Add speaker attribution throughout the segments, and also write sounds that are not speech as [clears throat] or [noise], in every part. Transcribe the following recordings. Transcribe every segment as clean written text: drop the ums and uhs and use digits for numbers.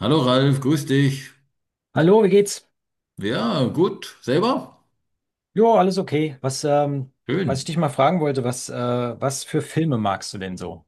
Speaker 1: Hallo Ralf, grüß dich.
Speaker 2: Hallo, wie geht's?
Speaker 1: Ja, gut. Selber?
Speaker 2: Jo, alles okay. Was, was ich
Speaker 1: Schön.
Speaker 2: dich mal fragen wollte, was, was für Filme magst du denn so?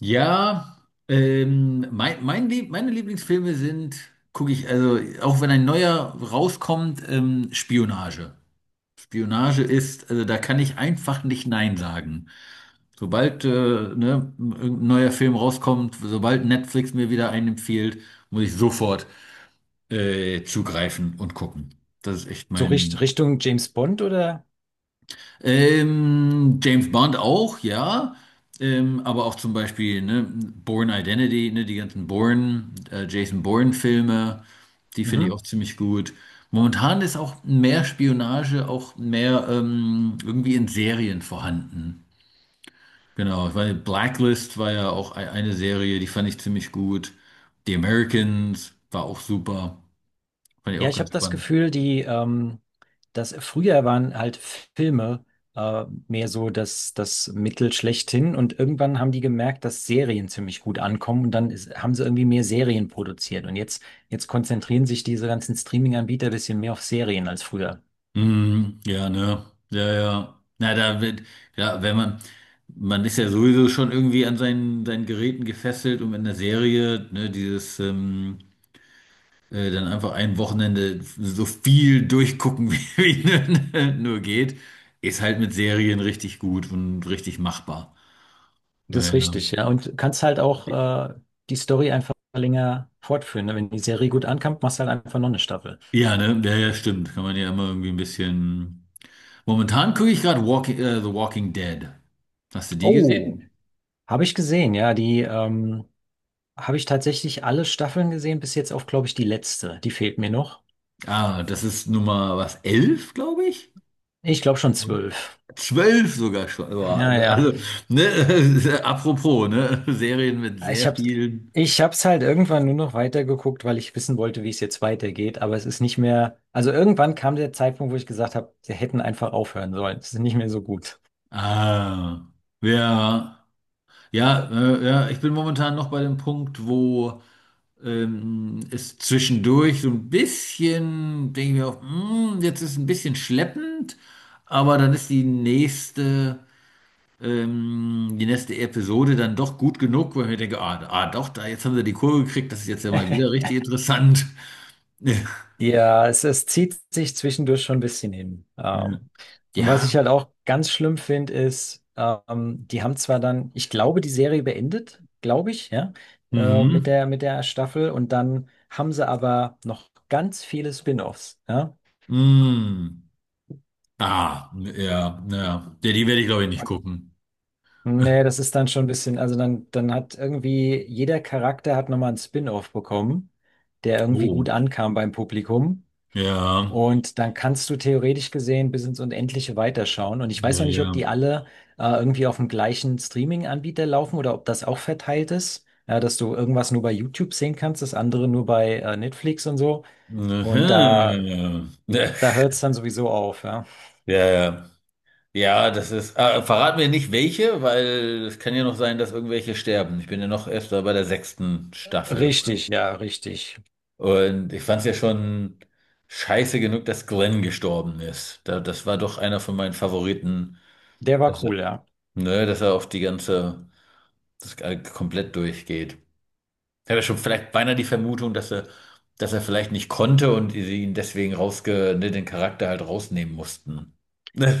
Speaker 1: Ja, meine Lieblingsfilme sind, gucke ich, also auch wenn ein neuer rauskommt, Spionage. Spionage ist, also da kann ich einfach nicht Nein sagen. Sobald ne, ein neuer Film rauskommt, sobald Netflix mir wieder einen empfiehlt, muss ich sofort zugreifen und gucken. Das ist echt
Speaker 2: So
Speaker 1: mein.
Speaker 2: Richtung James Bond oder?
Speaker 1: James Bond auch, ja. Aber auch zum Beispiel ne, Bourne Identity, ne, die ganzen Bourne, Jason Bourne-Filme, die finde ich
Speaker 2: Mhm.
Speaker 1: auch ziemlich gut. Momentan ist auch mehr Spionage, auch mehr irgendwie in Serien vorhanden. Genau, weil Blacklist war ja auch eine Serie, die fand ich ziemlich gut. The Americans war auch super, fand ich
Speaker 2: Ja,
Speaker 1: auch
Speaker 2: ich habe
Speaker 1: ganz
Speaker 2: das
Speaker 1: spannend.
Speaker 2: Gefühl, dass früher waren halt Filme mehr so das Mittel schlechthin, und irgendwann haben die gemerkt, dass Serien ziemlich gut ankommen, und dann haben sie irgendwie mehr Serien produziert. Und jetzt konzentrieren sich diese ganzen Streaming-Anbieter ein bisschen mehr auf Serien als früher.
Speaker 1: Mm, ja, ne? Ja, ja. Na, da wird, ja, wenn man, man ist ja sowieso schon irgendwie an seinen Geräten gefesselt und in der Serie, ne, dieses, dann einfach ein Wochenende so viel durchgucken, [laughs] wie, wie nur geht, ist halt mit Serien richtig gut und richtig machbar.
Speaker 2: Das
Speaker 1: Ja,
Speaker 2: ist
Speaker 1: ja.
Speaker 2: richtig, ja. Und kannst halt auch äh, die Story einfach länger fortführen. Ne? Wenn die Serie gut ankommt, machst du halt einfach noch eine Staffel.
Speaker 1: Ja, ne? Ja, ja, stimmt. Kann man ja immer irgendwie ein bisschen. Momentan gucke ich gerade The Walking Dead. Hast du die
Speaker 2: Oh,
Speaker 1: gesehen?
Speaker 2: habe ich gesehen, ja. Die habe ich tatsächlich alle Staffeln gesehen, bis jetzt auf, glaube ich, die letzte. Die fehlt mir noch.
Speaker 1: Ah, das ist Nummer was, 11, glaube ich?
Speaker 2: Ich glaube schon
Speaker 1: Mhm.
Speaker 2: zwölf.
Speaker 1: 12 sogar schon. Boah,
Speaker 2: Ja, ja.
Speaker 1: also, ne, [laughs] apropos, ne? Serien mit
Speaker 2: Ich
Speaker 1: sehr
Speaker 2: hab's,
Speaker 1: vielen.
Speaker 2: ich hab's halt irgendwann nur noch weitergeguckt, weil ich wissen wollte, wie es jetzt weitergeht. Aber es ist nicht mehr. Also irgendwann kam der Zeitpunkt, wo ich gesagt habe, sie hätten einfach aufhören sollen. Es ist nicht mehr so gut.
Speaker 1: Ah, ja, ja, ja, ich bin momentan noch bei dem Punkt, wo es zwischendurch so ein bisschen, denke ich mir auch, hm, jetzt ist es ein bisschen schleppend, aber dann ist die nächste. Die nächste Episode dann doch gut genug, weil ich denke, ah, ah doch, da jetzt haben sie die Kurve gekriegt, das ist jetzt ja mal wieder richtig interessant. [laughs]
Speaker 2: Ja, es zieht sich zwischendurch schon ein bisschen hin.
Speaker 1: Ja.
Speaker 2: Und was ich
Speaker 1: Ja.
Speaker 2: halt auch ganz schlimm finde, die haben zwar dann, ich glaube, die Serie beendet, glaube ich, ja,
Speaker 1: Mhm.
Speaker 2: mit der Staffel, und dann haben sie aber noch ganz viele Spin-offs, ja.
Speaker 1: Mhm. Ah, ja, ja. Ja, die werde ich, glaube ich, nicht
Speaker 2: Und
Speaker 1: gucken.
Speaker 2: nee, das ist dann schon ein bisschen, also dann hat irgendwie jeder Charakter hat nochmal einen Spin-off bekommen, der irgendwie gut
Speaker 1: Oh.
Speaker 2: ankam beim Publikum.
Speaker 1: Ja,
Speaker 2: Und dann kannst du theoretisch gesehen bis ins Unendliche weiterschauen. Und ich
Speaker 1: ja,
Speaker 2: weiß noch nicht, ob
Speaker 1: ja.
Speaker 2: die alle irgendwie auf dem gleichen Streaming-Anbieter laufen oder ob das auch verteilt ist. Ja, dass du irgendwas nur bei YouTube sehen kannst, das andere nur bei Netflix und so. Und
Speaker 1: Mhm.
Speaker 2: da
Speaker 1: [laughs]
Speaker 2: hört es dann sowieso auf, ja.
Speaker 1: Ja, ja. Ja, das ist. Ah, verrat mir nicht welche, weil es kann ja noch sein, dass irgendwelche sterben. Ich bin ja noch erst bei der sechsten Staffel.
Speaker 2: Richtig, ja, richtig.
Speaker 1: Und ich fand es ja schon scheiße genug, dass Glenn gestorben ist. Da, das war doch einer von meinen Favoriten,
Speaker 2: Der war
Speaker 1: dass er,
Speaker 2: cool, ja.
Speaker 1: ne, dass er auf die ganze, das komplett durchgeht. Ich habe ja schon vielleicht beinahe die Vermutung, dass er vielleicht nicht konnte und sie ihn deswegen ne, den Charakter halt rausnehmen mussten.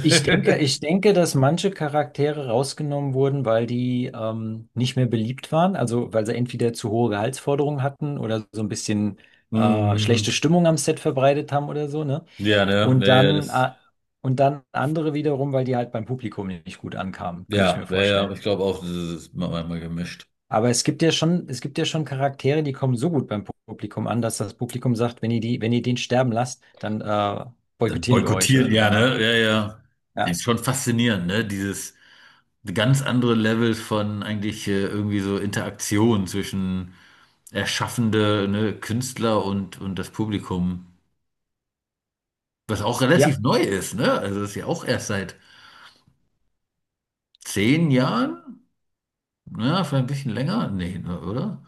Speaker 2: Ich denke, dass manche Charaktere rausgenommen wurden, weil die nicht mehr beliebt waren. Also weil sie entweder zu hohe Gehaltsforderungen hatten oder so ein bisschen schlechte
Speaker 1: Mhm.
Speaker 2: Stimmung am Set verbreitet haben oder so, ne?
Speaker 1: Ja, ne,
Speaker 2: Und
Speaker 1: wäre ja das,
Speaker 2: und dann andere wiederum, weil die halt beim Publikum nicht gut ankamen, könnte ich mir
Speaker 1: ja, wäre ja, ich
Speaker 2: vorstellen.
Speaker 1: glaube auch, das ist mal einmal gemischt.
Speaker 2: Aber es gibt ja schon Charaktere, die kommen so gut beim Publikum an, dass das Publikum sagt, wenn ihr wenn ihr den sterben lasst, dann
Speaker 1: Dann
Speaker 2: boykottieren wir euch oder
Speaker 1: boykottieren,
Speaker 2: so,
Speaker 1: ja,
Speaker 2: ne?
Speaker 1: ne? Ja, ja.
Speaker 2: Ja.
Speaker 1: Ist schon faszinierend, ne? Dieses ganz andere Level von eigentlich irgendwie so Interaktion zwischen erschaffende, ne, Künstler und das Publikum. Was auch relativ
Speaker 2: Ja.
Speaker 1: neu ist, ne? Also das ist ja auch erst seit 10 Jahren, ja, vielleicht ein bisschen länger, nee, ne, oder?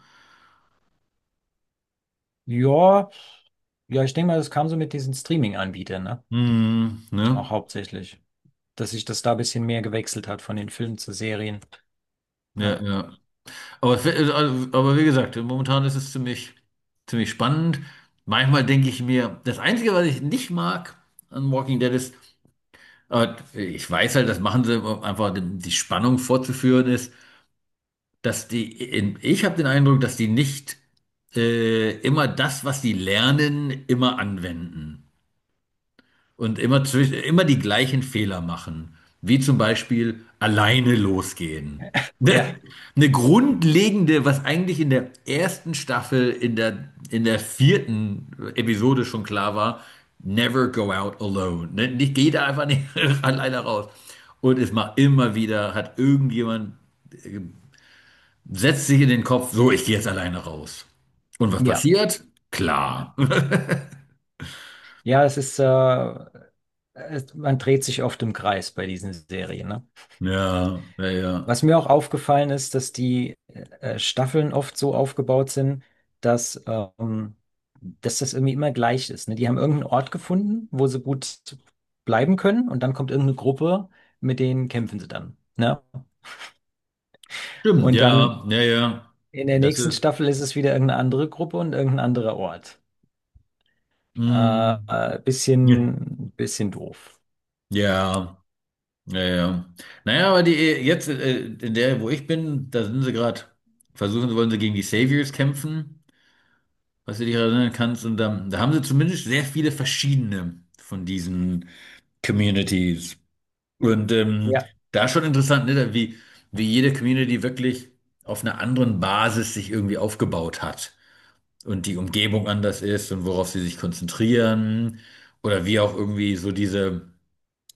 Speaker 2: Ja, Ja, ich denke mal, das kam so mit diesen Streaming-Anbietern, ne?
Speaker 1: Hm, ne?
Speaker 2: Auch hauptsächlich. Dass sich das da ein bisschen mehr gewechselt hat von den Filmen zu Serien.
Speaker 1: Ja,
Speaker 2: Ja.
Speaker 1: ja. Aber wie gesagt, momentan ist es ziemlich, ziemlich spannend. Manchmal denke ich mir, das Einzige, was ich nicht mag an Walking Dead ist, ich weiß halt, das machen sie, um einfach die Spannung vorzuführen ist, dass ich habe den Eindruck, dass die nicht immer das, was die lernen, immer anwenden und immer die gleichen Fehler machen. Wie zum Beispiel alleine losgehen.
Speaker 2: Ja.
Speaker 1: [laughs] Eine grundlegende, was eigentlich in der ersten Staffel, in der vierten Episode schon klar war, never go out alone. Ne? Nicht, geh da einfach nicht [laughs] alleine raus. Und es macht immer wieder, hat irgendjemand, äh, setzt sich in den Kopf, so, ich gehe jetzt alleine raus. Und was
Speaker 2: Ja,
Speaker 1: passiert?
Speaker 2: ja.
Speaker 1: Klar. [laughs]
Speaker 2: Ja, man dreht sich oft im Kreis bei diesen Serien, ne?
Speaker 1: Ja, ja, ja.
Speaker 2: Was mir auch aufgefallen ist, dass die Staffeln oft so aufgebaut sind, dass, ähm, dass das irgendwie immer gleich ist, ne? Die haben irgendeinen Ort gefunden, wo sie gut bleiben können, und dann kommt irgendeine Gruppe, mit denen kämpfen sie dann. Ne?
Speaker 1: Stimmt,
Speaker 2: Und dann
Speaker 1: ja, ja, ja.
Speaker 2: in der
Speaker 1: Das
Speaker 2: nächsten
Speaker 1: ist.
Speaker 2: Staffel ist es wieder irgendeine andere Gruppe und irgendein anderer Ort.
Speaker 1: mm, ja,
Speaker 2: Bisschen doof.
Speaker 1: ja, ja, ja. Naja, aber die jetzt, in der, wo ich bin, da sind sie gerade, versuchen, wollen sie gegen die Saviors kämpfen, was du dich erinnern kannst. Und da, da haben sie zumindest sehr viele verschiedene von diesen Communities. Und
Speaker 2: Ja,
Speaker 1: da schon interessant, ne, da wie jede Community wirklich auf einer anderen Basis sich irgendwie aufgebaut hat. Und die Umgebung anders ist und worauf sie sich konzentrieren oder wie auch irgendwie so diese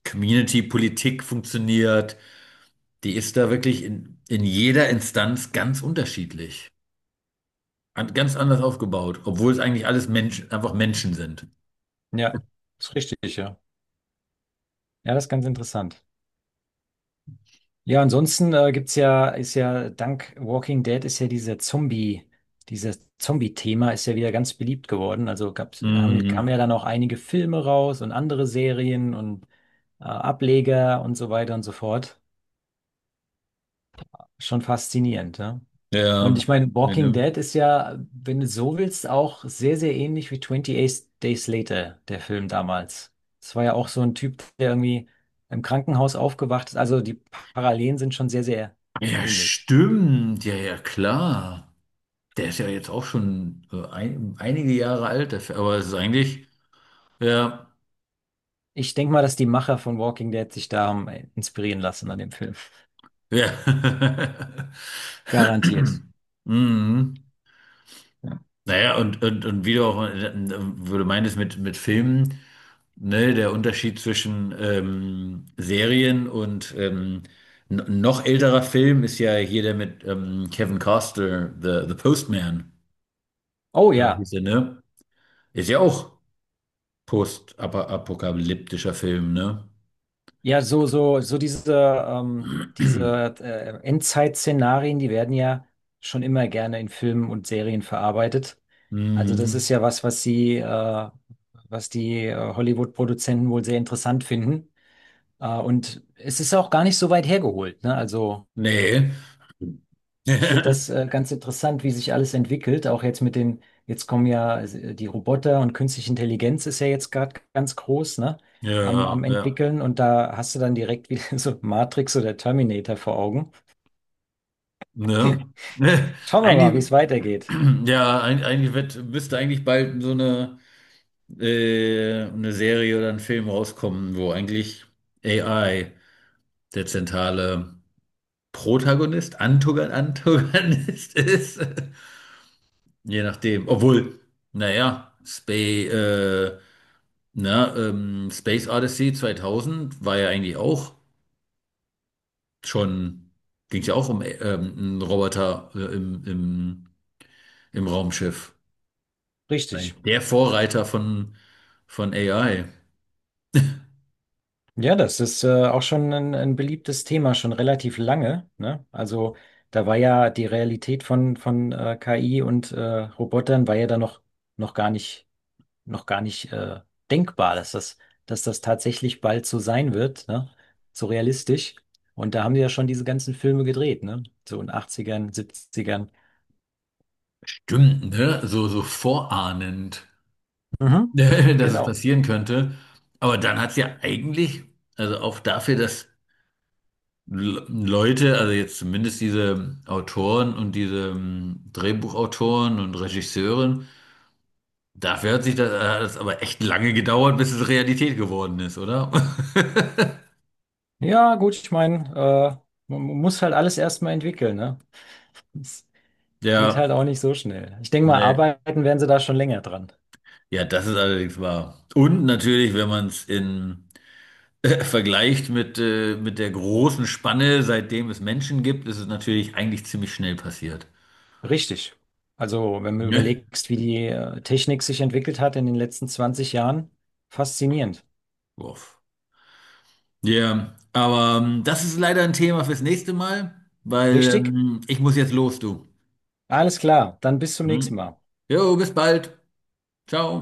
Speaker 1: Community-Politik funktioniert, die ist da wirklich in jeder Instanz ganz unterschiedlich, ganz anders aufgebaut, obwohl es eigentlich alles Menschen, einfach Menschen sind.
Speaker 2: ja, ist richtig, ja. Ja, das ist ganz interessant. Ja, ansonsten gibt's ja, ist ja, dank Walking Dead ist ja dieser dieses Zombie-Thema ist ja wieder ganz beliebt geworden. Also kamen
Speaker 1: Mhm.
Speaker 2: ja dann auch einige Filme raus und andere Serien und Ableger und so weiter und so fort. Schon faszinierend, ja.
Speaker 1: Ja,
Speaker 2: Und ich meine,
Speaker 1: ja,
Speaker 2: Walking
Speaker 1: ne?
Speaker 2: Dead ist ja, wenn du so willst, auch sehr, sehr ähnlich wie 28 Days Later, der Film damals. Es war ja auch so ein Typ, der irgendwie im Krankenhaus aufgewacht ist. Also die Parallelen sind schon sehr, sehr
Speaker 1: Ja,
Speaker 2: ähnlich.
Speaker 1: stimmt, ja, ja, klar. Der ist ja jetzt auch schon ein, einige Jahre alt, der Fe- aber es ist eigentlich, ja,
Speaker 2: Ich denke mal, dass die Macher von Walking Dead sich da haben inspirieren lassen an dem Film.
Speaker 1: ja. [laughs]
Speaker 2: Garantiert.
Speaker 1: [clears throat] Mhm.
Speaker 2: Ja.
Speaker 1: Naja, und wie du auch, wo du meintest mit Filmen, ne, der Unterschied zwischen Serien und n- noch älterer Film ist ja hier der mit Kevin Costner, The, The Postman,
Speaker 2: Oh
Speaker 1: glaub
Speaker 2: ja.
Speaker 1: hieß der, ne? Ist ja auch postapokalyptischer Film, ne?
Speaker 2: Ja, ähm,
Speaker 1: [clears throat]
Speaker 2: diese Endzeit-Szenarien, die werden ja schon immer gerne in Filmen und Serien verarbeitet. Also das ist
Speaker 1: Mhm.
Speaker 2: ja was, was die Hollywood-Produzenten wohl sehr interessant finden. Und es ist auch gar nicht so weit hergeholt, ne? Also
Speaker 1: Nee.
Speaker 2: ich finde das
Speaker 1: [laughs]
Speaker 2: ganz interessant, wie sich alles entwickelt. Auch jetzt mit jetzt kommen ja also, die Roboter, und künstliche Intelligenz ist ja jetzt gerade ganz groß, ne?
Speaker 1: Ja,
Speaker 2: Am
Speaker 1: ja.
Speaker 2: Entwickeln, und da hast du dann direkt wieder [laughs] so Matrix oder Terminator vor Augen.
Speaker 1: Ne? [laughs]
Speaker 2: Schauen wir mal, wie
Speaker 1: Eigentlich,
Speaker 2: es weitergeht.
Speaker 1: [clears throat] ja, eigentlich wird, müsste eigentlich bald so eine Serie oder ein Film rauskommen, wo eigentlich AI der zentrale Protagonist, Antogon Antagonist [laughs] ist. Je nachdem. Obwohl, naja, Space Odyssey 2000 war ja eigentlich auch schon, ging es ja auch um einen Roboter im Raumschiff.
Speaker 2: Richtig.
Speaker 1: Der Vorreiter von AI.
Speaker 2: Ja, das ist auch schon ein beliebtes Thema, schon relativ lange, ne? Also da war ja die Realität von KI und Robotern war ja da noch gar nicht noch gar nicht denkbar, dass das tatsächlich bald so sein wird, ne? So realistisch. Und da haben die ja schon diese ganzen Filme gedreht, ne? So in Achtzigern, Siebzigern.
Speaker 1: Stimmt, ne? So, so vorahnend, [laughs]
Speaker 2: Mhm.
Speaker 1: dass es
Speaker 2: Genau.
Speaker 1: passieren könnte. Aber dann hat es ja eigentlich, also auch dafür, dass Leute, also jetzt zumindest diese Autoren und diese Drehbuchautoren und Regisseuren, dafür hat sich das, hat es aber echt lange gedauert, bis es Realität geworden ist, oder? [laughs]
Speaker 2: Ja, gut, ich meine, man muss halt alles erstmal entwickeln, ne? Es geht halt
Speaker 1: Ja,
Speaker 2: auch nicht so schnell. Ich denke mal,
Speaker 1: nee.
Speaker 2: arbeiten werden sie da schon länger dran.
Speaker 1: Ja, das ist allerdings wahr. Und natürlich, wenn man es in [laughs] vergleicht mit der großen Spanne, seitdem es Menschen gibt, ist es natürlich eigentlich ziemlich schnell passiert.
Speaker 2: Richtig. Also, wenn du
Speaker 1: Ne?
Speaker 2: überlegst, wie die Technik sich entwickelt hat in den letzten 20 Jahren, faszinierend.
Speaker 1: [laughs] Uff. Ja, aber das ist leider ein Thema fürs nächste Mal, weil
Speaker 2: Richtig?
Speaker 1: ich muss jetzt los, du.
Speaker 2: Alles klar, dann bis zum nächsten
Speaker 1: Hm?
Speaker 2: Mal.
Speaker 1: Jo, bis bald. Ciao.